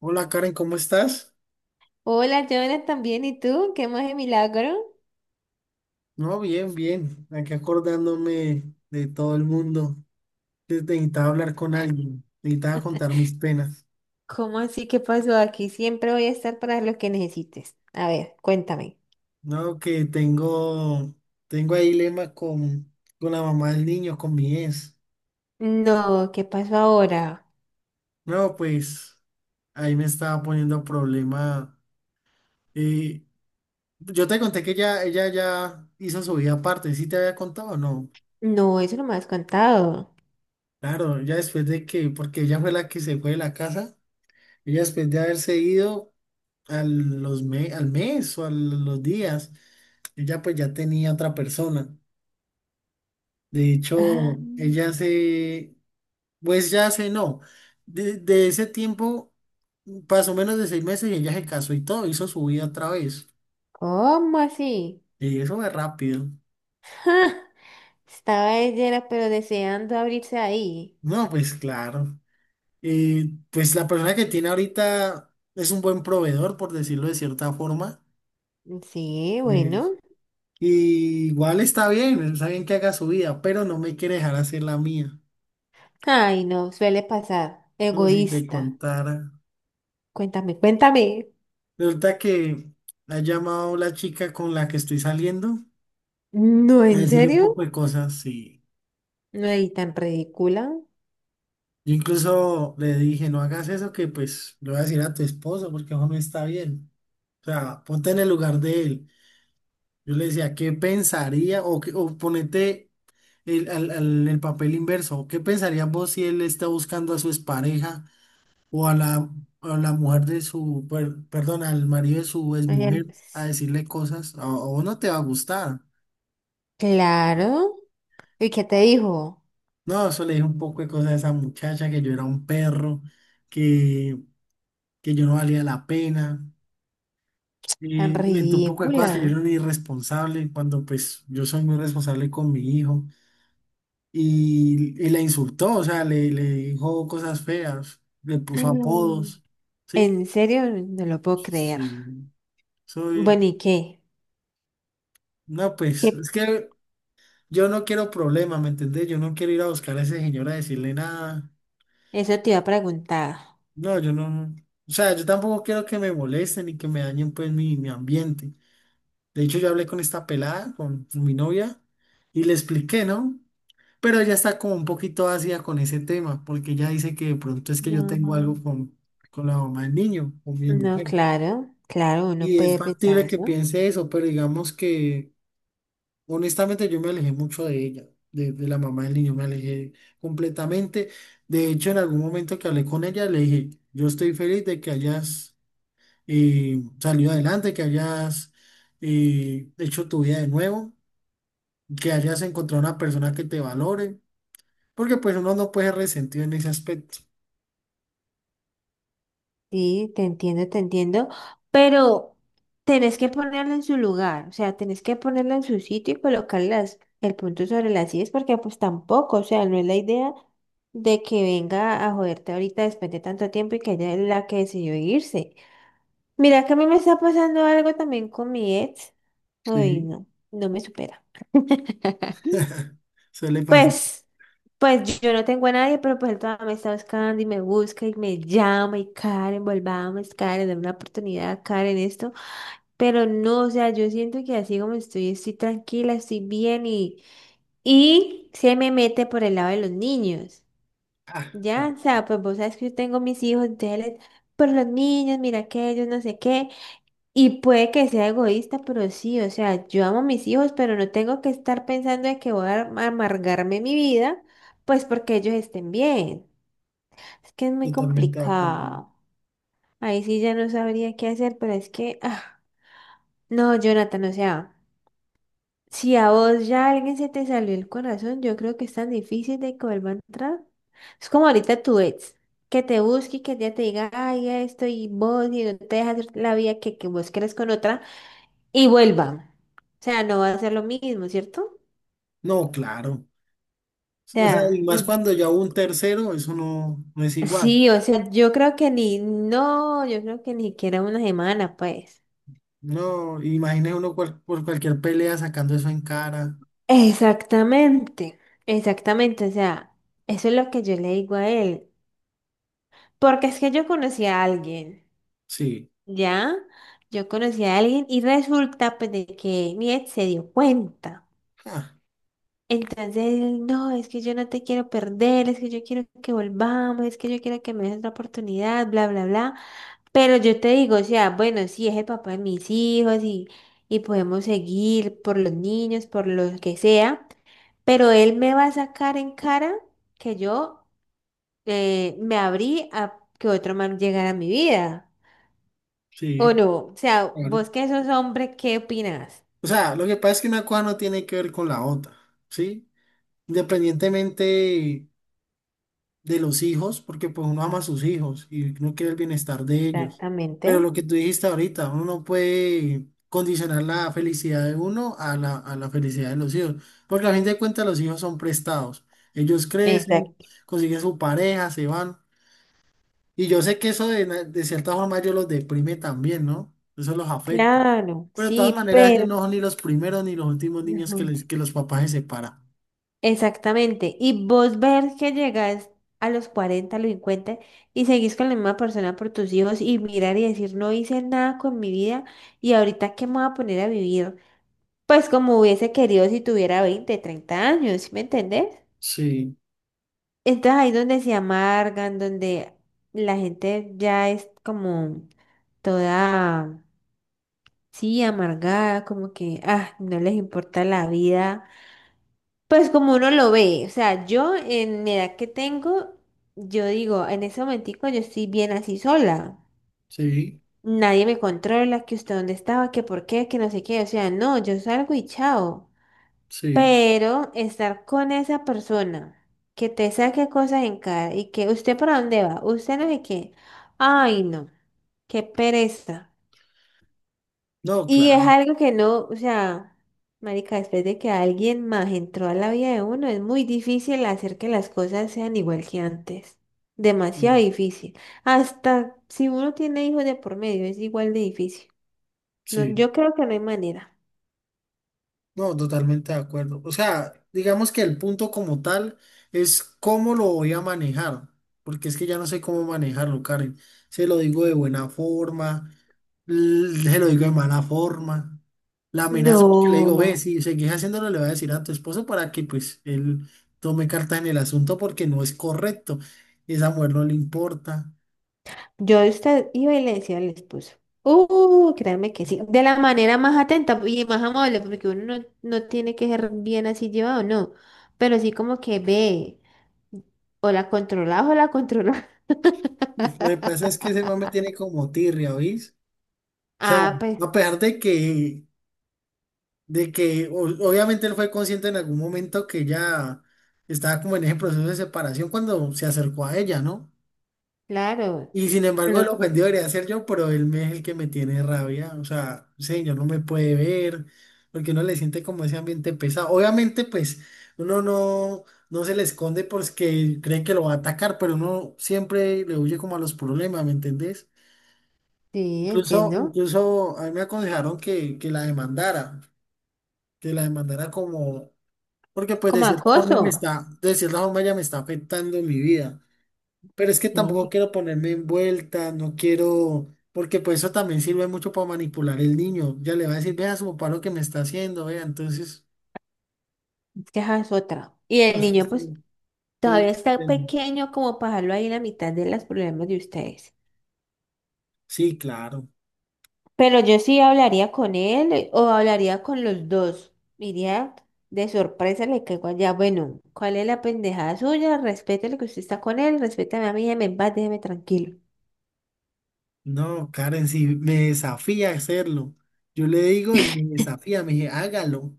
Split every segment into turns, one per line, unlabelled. Hola Karen, ¿cómo estás?
Hola, Jonas, también. ¿Y tú? ¿Qué más de milagro?
No, bien, bien. Aquí acordándome de todo el mundo. Que Necesitaba hablar con alguien, necesitaba contar mis penas.
¿Cómo así? ¿Qué pasó aquí? Siempre voy a estar para lo que necesites. A ver, cuéntame.
No, que tengo, tengo ahí lema con la mamá del niño, con mi ex.
No, ¿qué pasó ahora?
No, pues ahí me estaba poniendo problema. eh, yo te conté que ella ya hizo su vida aparte, ¿sí te había contado o no?
No, eso no me has contado.
Claro, ya después de que, porque ella fue la que se fue de la casa, ella después de haberse ido a al mes o a los días, yo ya pues ya tenía otra persona. De
Ah,
hecho, ella se, pues ya se no. De ese tiempo pasó menos de 6 meses y ella se casó y todo, hizo su vida otra vez.
¿cómo así?
Y eso fue rápido.
¡Ja! Estaba ella, era, pero deseando abrirse ahí.
No, pues claro. Pues la persona que tiene ahorita es un buen proveedor, por decirlo de cierta forma.
Sí,
Eh,
bueno.
y igual está bien que haga su vida, pero no me quiere dejar hacer la mía.
Ay, no, suele pasar.
No, si te
Egoísta.
contara.
Cuéntame, cuéntame.
Resulta que ha llamado la chica con la que estoy saliendo
No,
a
¿en
decirle un
serio?
poco de cosas. Y
No, y tan ridícula.
yo incluso le dije, no hagas eso que pues le voy a decir a tu esposo porque eso no está bien. O sea, ponte en el lugar de él. Yo le decía, ¿qué pensaría? O, o ponete el papel inverso. ¿Qué pensarías vos si él está buscando a su expareja? O a la mujer de su, perdón, al marido de su
Ay,
exmujer a decirle cosas, a vos no te va a gustar.
claro. ¿Y qué te dijo?
No, eso le dije un poco de cosas a esa muchacha, que yo era un perro, que, yo no valía la pena. Eh,
Tan
inventé un poco de cosas
ridícula.
que yo era un irresponsable, cuando pues yo soy muy responsable con mi hijo. Y la insultó, o sea, le dijo cosas feas, le puso
Mm.
apodos, ¿sí?
En serio, no lo puedo creer.
Sí, soy...
Bueno, ¿y qué?
No, pues,
¿Qué?
es que yo no quiero problema, ¿me entendés? Yo no quiero ir a buscar a ese señor a decirle nada.
Eso te iba a preguntar.
No, yo no. O sea, yo tampoco quiero que me molesten ni que me dañen pues mi ambiente. De hecho, yo hablé con esta pelada, con mi novia, y le expliqué, ¿no? Pero ella está como un poquito ácida con ese tema, porque ella dice que de pronto es que yo
No,
tengo algo con la mamá del niño, con mi
no,
mujer.
claro, claro, uno
Y es
puede pensar
factible que
eso.
piense eso, pero digamos que honestamente, yo me alejé mucho de ella, de la mamá del niño, me alejé completamente. De hecho, en algún momento que hablé con ella, le dije, yo estoy feliz de que hayas salido adelante, que hayas hecho tu vida de nuevo, que hayas encontrado una persona que te valore, porque pues uno no puede ser resentido en ese aspecto.
Sí, te entiendo, pero tenés que ponerlo en su lugar, o sea, tenés que ponerlo en su sitio y colocarlas el punto sobre las sillas, porque pues tampoco, o sea, no es la idea de que venga a joderte ahorita después de tanto tiempo y que ella es la que decidió irse. Mira, que a mí me está pasando algo también con mi ex. Uy,
Sí,
no, no me supera.
suele pasar.
Pues, pues yo no tengo a nadie, pero pues él todavía me está buscando y me busca y me llama y Karen, volvamos, Karen, dame una oportunidad, Karen, esto. Pero no, o sea, yo siento que así como estoy, estoy tranquila, estoy bien y se me mete por el lado de los niños.
Ah,
Ya,
claro,
o sea, pues vos sabes que yo tengo mis hijos, entonces, les- por los niños, mira que ellos no sé qué. Y puede que sea egoísta, pero sí, o sea, yo amo a mis hijos, pero no tengo que estar pensando en que voy a amargarme mi vida, pues porque ellos estén bien. Es que es muy
totalmente de acuerdo.
complicado. Ahí sí ya no sabría qué hacer, pero es que, ah, no, Jonathan, o sea, si a vos ya alguien se te salió el corazón, yo creo que es tan difícil de que vuelva a entrar. Es como ahorita tu ex, que te busque y que ya te diga, ay, esto y vos, y no te dejas la vida que vos querés con otra. Y vuelva. O sea, no va a ser lo mismo, ¿cierto? O
No, claro. O sea, y
sea,
más
mm,
cuando ya hubo un tercero, eso no, no es igual.
sí, o sea, yo creo que ni, no, yo creo que ni siquiera una semana, pues.
No, imagine uno por cualquier pelea sacando eso en cara.
Exactamente, exactamente, o sea, eso es lo que yo le digo a él, porque es que yo conocí a alguien,
Sí.
¿ya? Yo conocí a alguien y resulta pues de que mi ex se dio cuenta.
Ah,
Entonces, él, no, es que yo no te quiero perder, es que yo quiero que volvamos, es que yo quiero que me des otra oportunidad, bla, bla, bla. Pero yo te digo, o sea, bueno, sí, es el papá de mis hijos y podemos seguir por los niños, por lo que sea, pero él me va a sacar en cara que yo me abrí a que otro man llegara a mi vida, ¿o
sí,
no? O sea,
claro.
vos que sos hombre, ¿qué opinas?
O sea, lo que pasa es que una cosa no tiene que ver con la otra, ¿sí? Independientemente de los hijos, porque pues uno ama a sus hijos y uno quiere el bienestar de ellos.
Exactamente.
Pero lo que tú dijiste ahorita, uno no puede condicionar la felicidad de uno a la felicidad de los hijos, porque a fin de cuentas los hijos son prestados. Ellos crecen,
Exacto.
consiguen su pareja, se van. Y yo sé que eso de, de cierta forma ellos los deprime también, ¿no? Eso los afecta.
Claro,
Pero de todas
sí,
maneras ellos
pero...
no son ni los primeros ni los últimos niños que, les, que los papás se separan.
Exactamente. Y vos ver que llegas a los 40, a los 50 y seguís con la misma persona por tus hijos y mirar y decir, no hice nada con mi vida y ahorita qué me voy a poner a vivir. Pues como hubiese querido si tuviera 20, 30 años, ¿sí me entendés?
Sí,
Entonces ahí donde se amargan, donde la gente ya es como toda, sí, amargada, como que, ah, no les importa la vida. Pues como uno lo ve, o sea, yo en mi edad que tengo, yo digo, en ese momentico yo estoy bien así sola.
sí,
Nadie me controla, que usted dónde estaba, que por qué, que no sé qué. O sea, no, yo salgo y chao.
sí.
Pero estar con esa persona que te saque cosas en cara y que usted para dónde va, usted no sé qué. Ay, no, qué pereza.
No,
Y es
claro.
algo que no, o sea, marica, después de que alguien más entró a la vida de uno, es muy difícil hacer que las cosas sean igual que antes. Demasiado
Sí,
difícil. Hasta si uno tiene hijos de por medio, es igual de difícil. No,
sí.
yo creo que no hay manera.
No, totalmente de acuerdo. O sea, digamos que el punto como tal es cómo lo voy a manejar, porque es que ya no sé cómo manejarlo, Karen. Se lo digo de buena forma, se lo digo de mala forma. La amenaza porque le digo, ve,
No.
si seguís haciéndolo, le voy a decir a tu esposo para que pues él tome carta en el asunto porque no es correcto. Esa mujer no le importa.
Yo iba y le decía al esposo. Créanme que sí. De la manera más atenta y más amable, porque uno no, no tiene que ser bien así llevado, no. Pero sí como que ve. O la controlás o la controlás.
Lo que pasa es que ese mame tiene como tirria, ¿oís? O sea,
Ah, pues
a pesar de que obviamente él fue consciente en algún momento que ella estaba como en ese proceso de separación cuando se acercó a ella, ¿no?
claro.
Y sin embargo, el
Pero
ofendido debería ser yo, pero es el que me tiene rabia. O sea, señor, no me puede ver, porque uno le siente como ese ambiente pesado. Obviamente, pues, uno no, no se le esconde porque cree que lo va a atacar, pero uno siempre le huye como a los problemas, ¿me entendés?
sí,
Incluso,
entiendo.
incluso a mí me aconsejaron que la demandara como porque pues
Como
de cierta forma me
acoso.
está, de cierta forma ya me está afectando mi vida. Pero es que tampoco
Sí,
quiero ponerme en vuelta, no quiero, porque pues eso también sirve mucho para manipular el niño. Ya le va a decir, vea su papá lo que me está haciendo, vea. Entonces,
es que esa es otra. Y el
no sé si-
niño, pues, todavía
sí,
está
sí,
pequeño como para dejarlo ahí en la mitad de los problemas de ustedes.
sí, claro.
Pero yo sí hablaría con él o hablaría con los dos. Iría de sorpresa, le caigo allá. Bueno, ¿cuál es la pendejada suya? Respete lo que usted está con él, respétame a mí, déjeme en paz, déjeme tranquilo.
No, Karen, si me desafía a hacerlo. Yo le digo y me desafía, me dice, hágalo.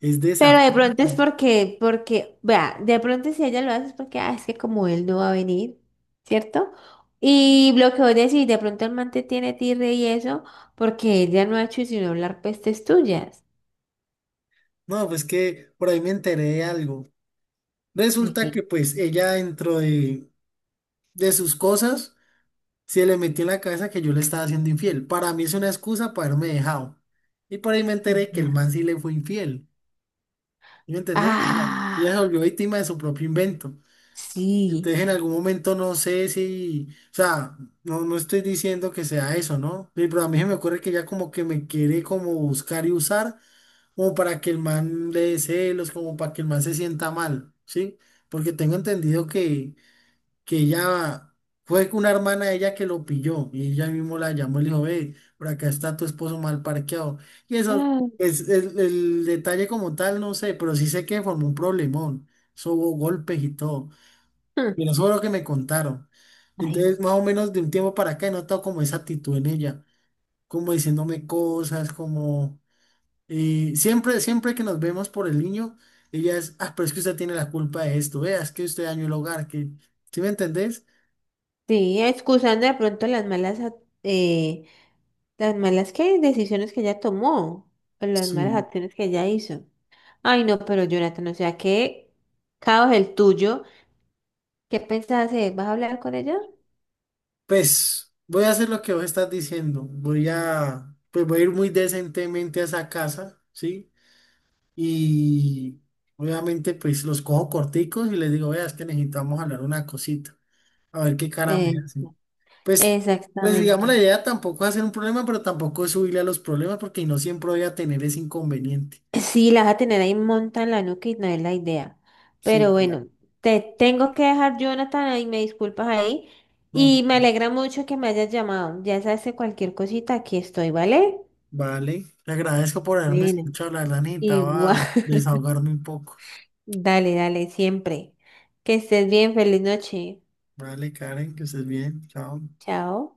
Es
Pero de
desafío.
pronto es porque, porque, vea, de pronto si ella lo hace es porque, ah, es que como él no va a venir, ¿cierto? Y lo que vos decís, de pronto el man te tiene tirre y eso, porque ella no ha hecho sino hablar pestes tuyas.
No, pues que por ahí me enteré de algo.
¿De
Resulta
qué?
que pues ella dentro de sus cosas. Se le metió en la cabeza que yo le estaba haciendo infiel. Para mí es una excusa para haberme dejado. Y por ahí me enteré que
Ya.
el man sí le fue infiel. ¿Sí? ¿Me entendés? O sea, ella se
Ah,
volvió víctima de su propio invento.
sí.
Entonces en algún momento no sé si, o sea, no, no estoy diciendo que sea eso, ¿no? Sí, pero a mí se me ocurre que ya como que me quiere como buscar y usar, como para que el man le dé celos, como para que el man se sienta mal, ¿sí? Porque tengo entendido que ella fue una hermana de ella que lo pilló y ella mismo la llamó y le dijo, ve, por acá está tu esposo mal parqueado. Y eso
Ah,
es el detalle como tal, no sé, pero sí sé que formó un problemón. Eso hubo golpes y todo.
hmm.
Y eso fue lo que me contaron.
Ay,
Entonces, más o menos de un tiempo para acá he notado como esa actitud en ella, como diciéndome cosas, como siempre, siempre que nos vemos por el niño, ella es, ah, pero es que usted tiene la culpa de esto, vea, es que usted dañó el hogar, que, ¿sí me entendés?
sí, excusando de pronto las malas, las malas ¿qué? Decisiones que ella tomó, o las malas
Sí.
acciones que ella hizo. Ay, no, pero Jonathan, o sea, qué caos el tuyo. ¿Qué pensás hacer? ¿Vas a hablar con ella?
Pues voy a hacer lo que vos estás diciendo. Voy a, pues voy a ir muy decentemente a esa casa, ¿sí? Y obviamente pues los cojo corticos y les digo, vea, es que necesitamos hablar una cosita. A ver qué cara me
Eh,
hacen. Pues, pues digamos, la
exactamente.
idea tampoco es hacer un problema, pero tampoco es subirle a los problemas porque no siempre voy a tener ese inconveniente.
Sí, la vas a tener ahí monta en la nuca y no es la idea.
Sí,
Pero
claro.
bueno, te tengo que dejar, Jonathan, ahí me disculpas ahí.
No,
Y me alegra mucho que me hayas llamado. Ya sabes, que cualquier cosita, aquí estoy, ¿vale?
vale. Le agradezco por haberme
Bueno,
escuchado. La verdad
igual.
necesitaba desahogarme un poco.
Dale, dale, siempre. Que estés bien, feliz noche.
Vale, Karen, que estés bien. Chao.
Chao.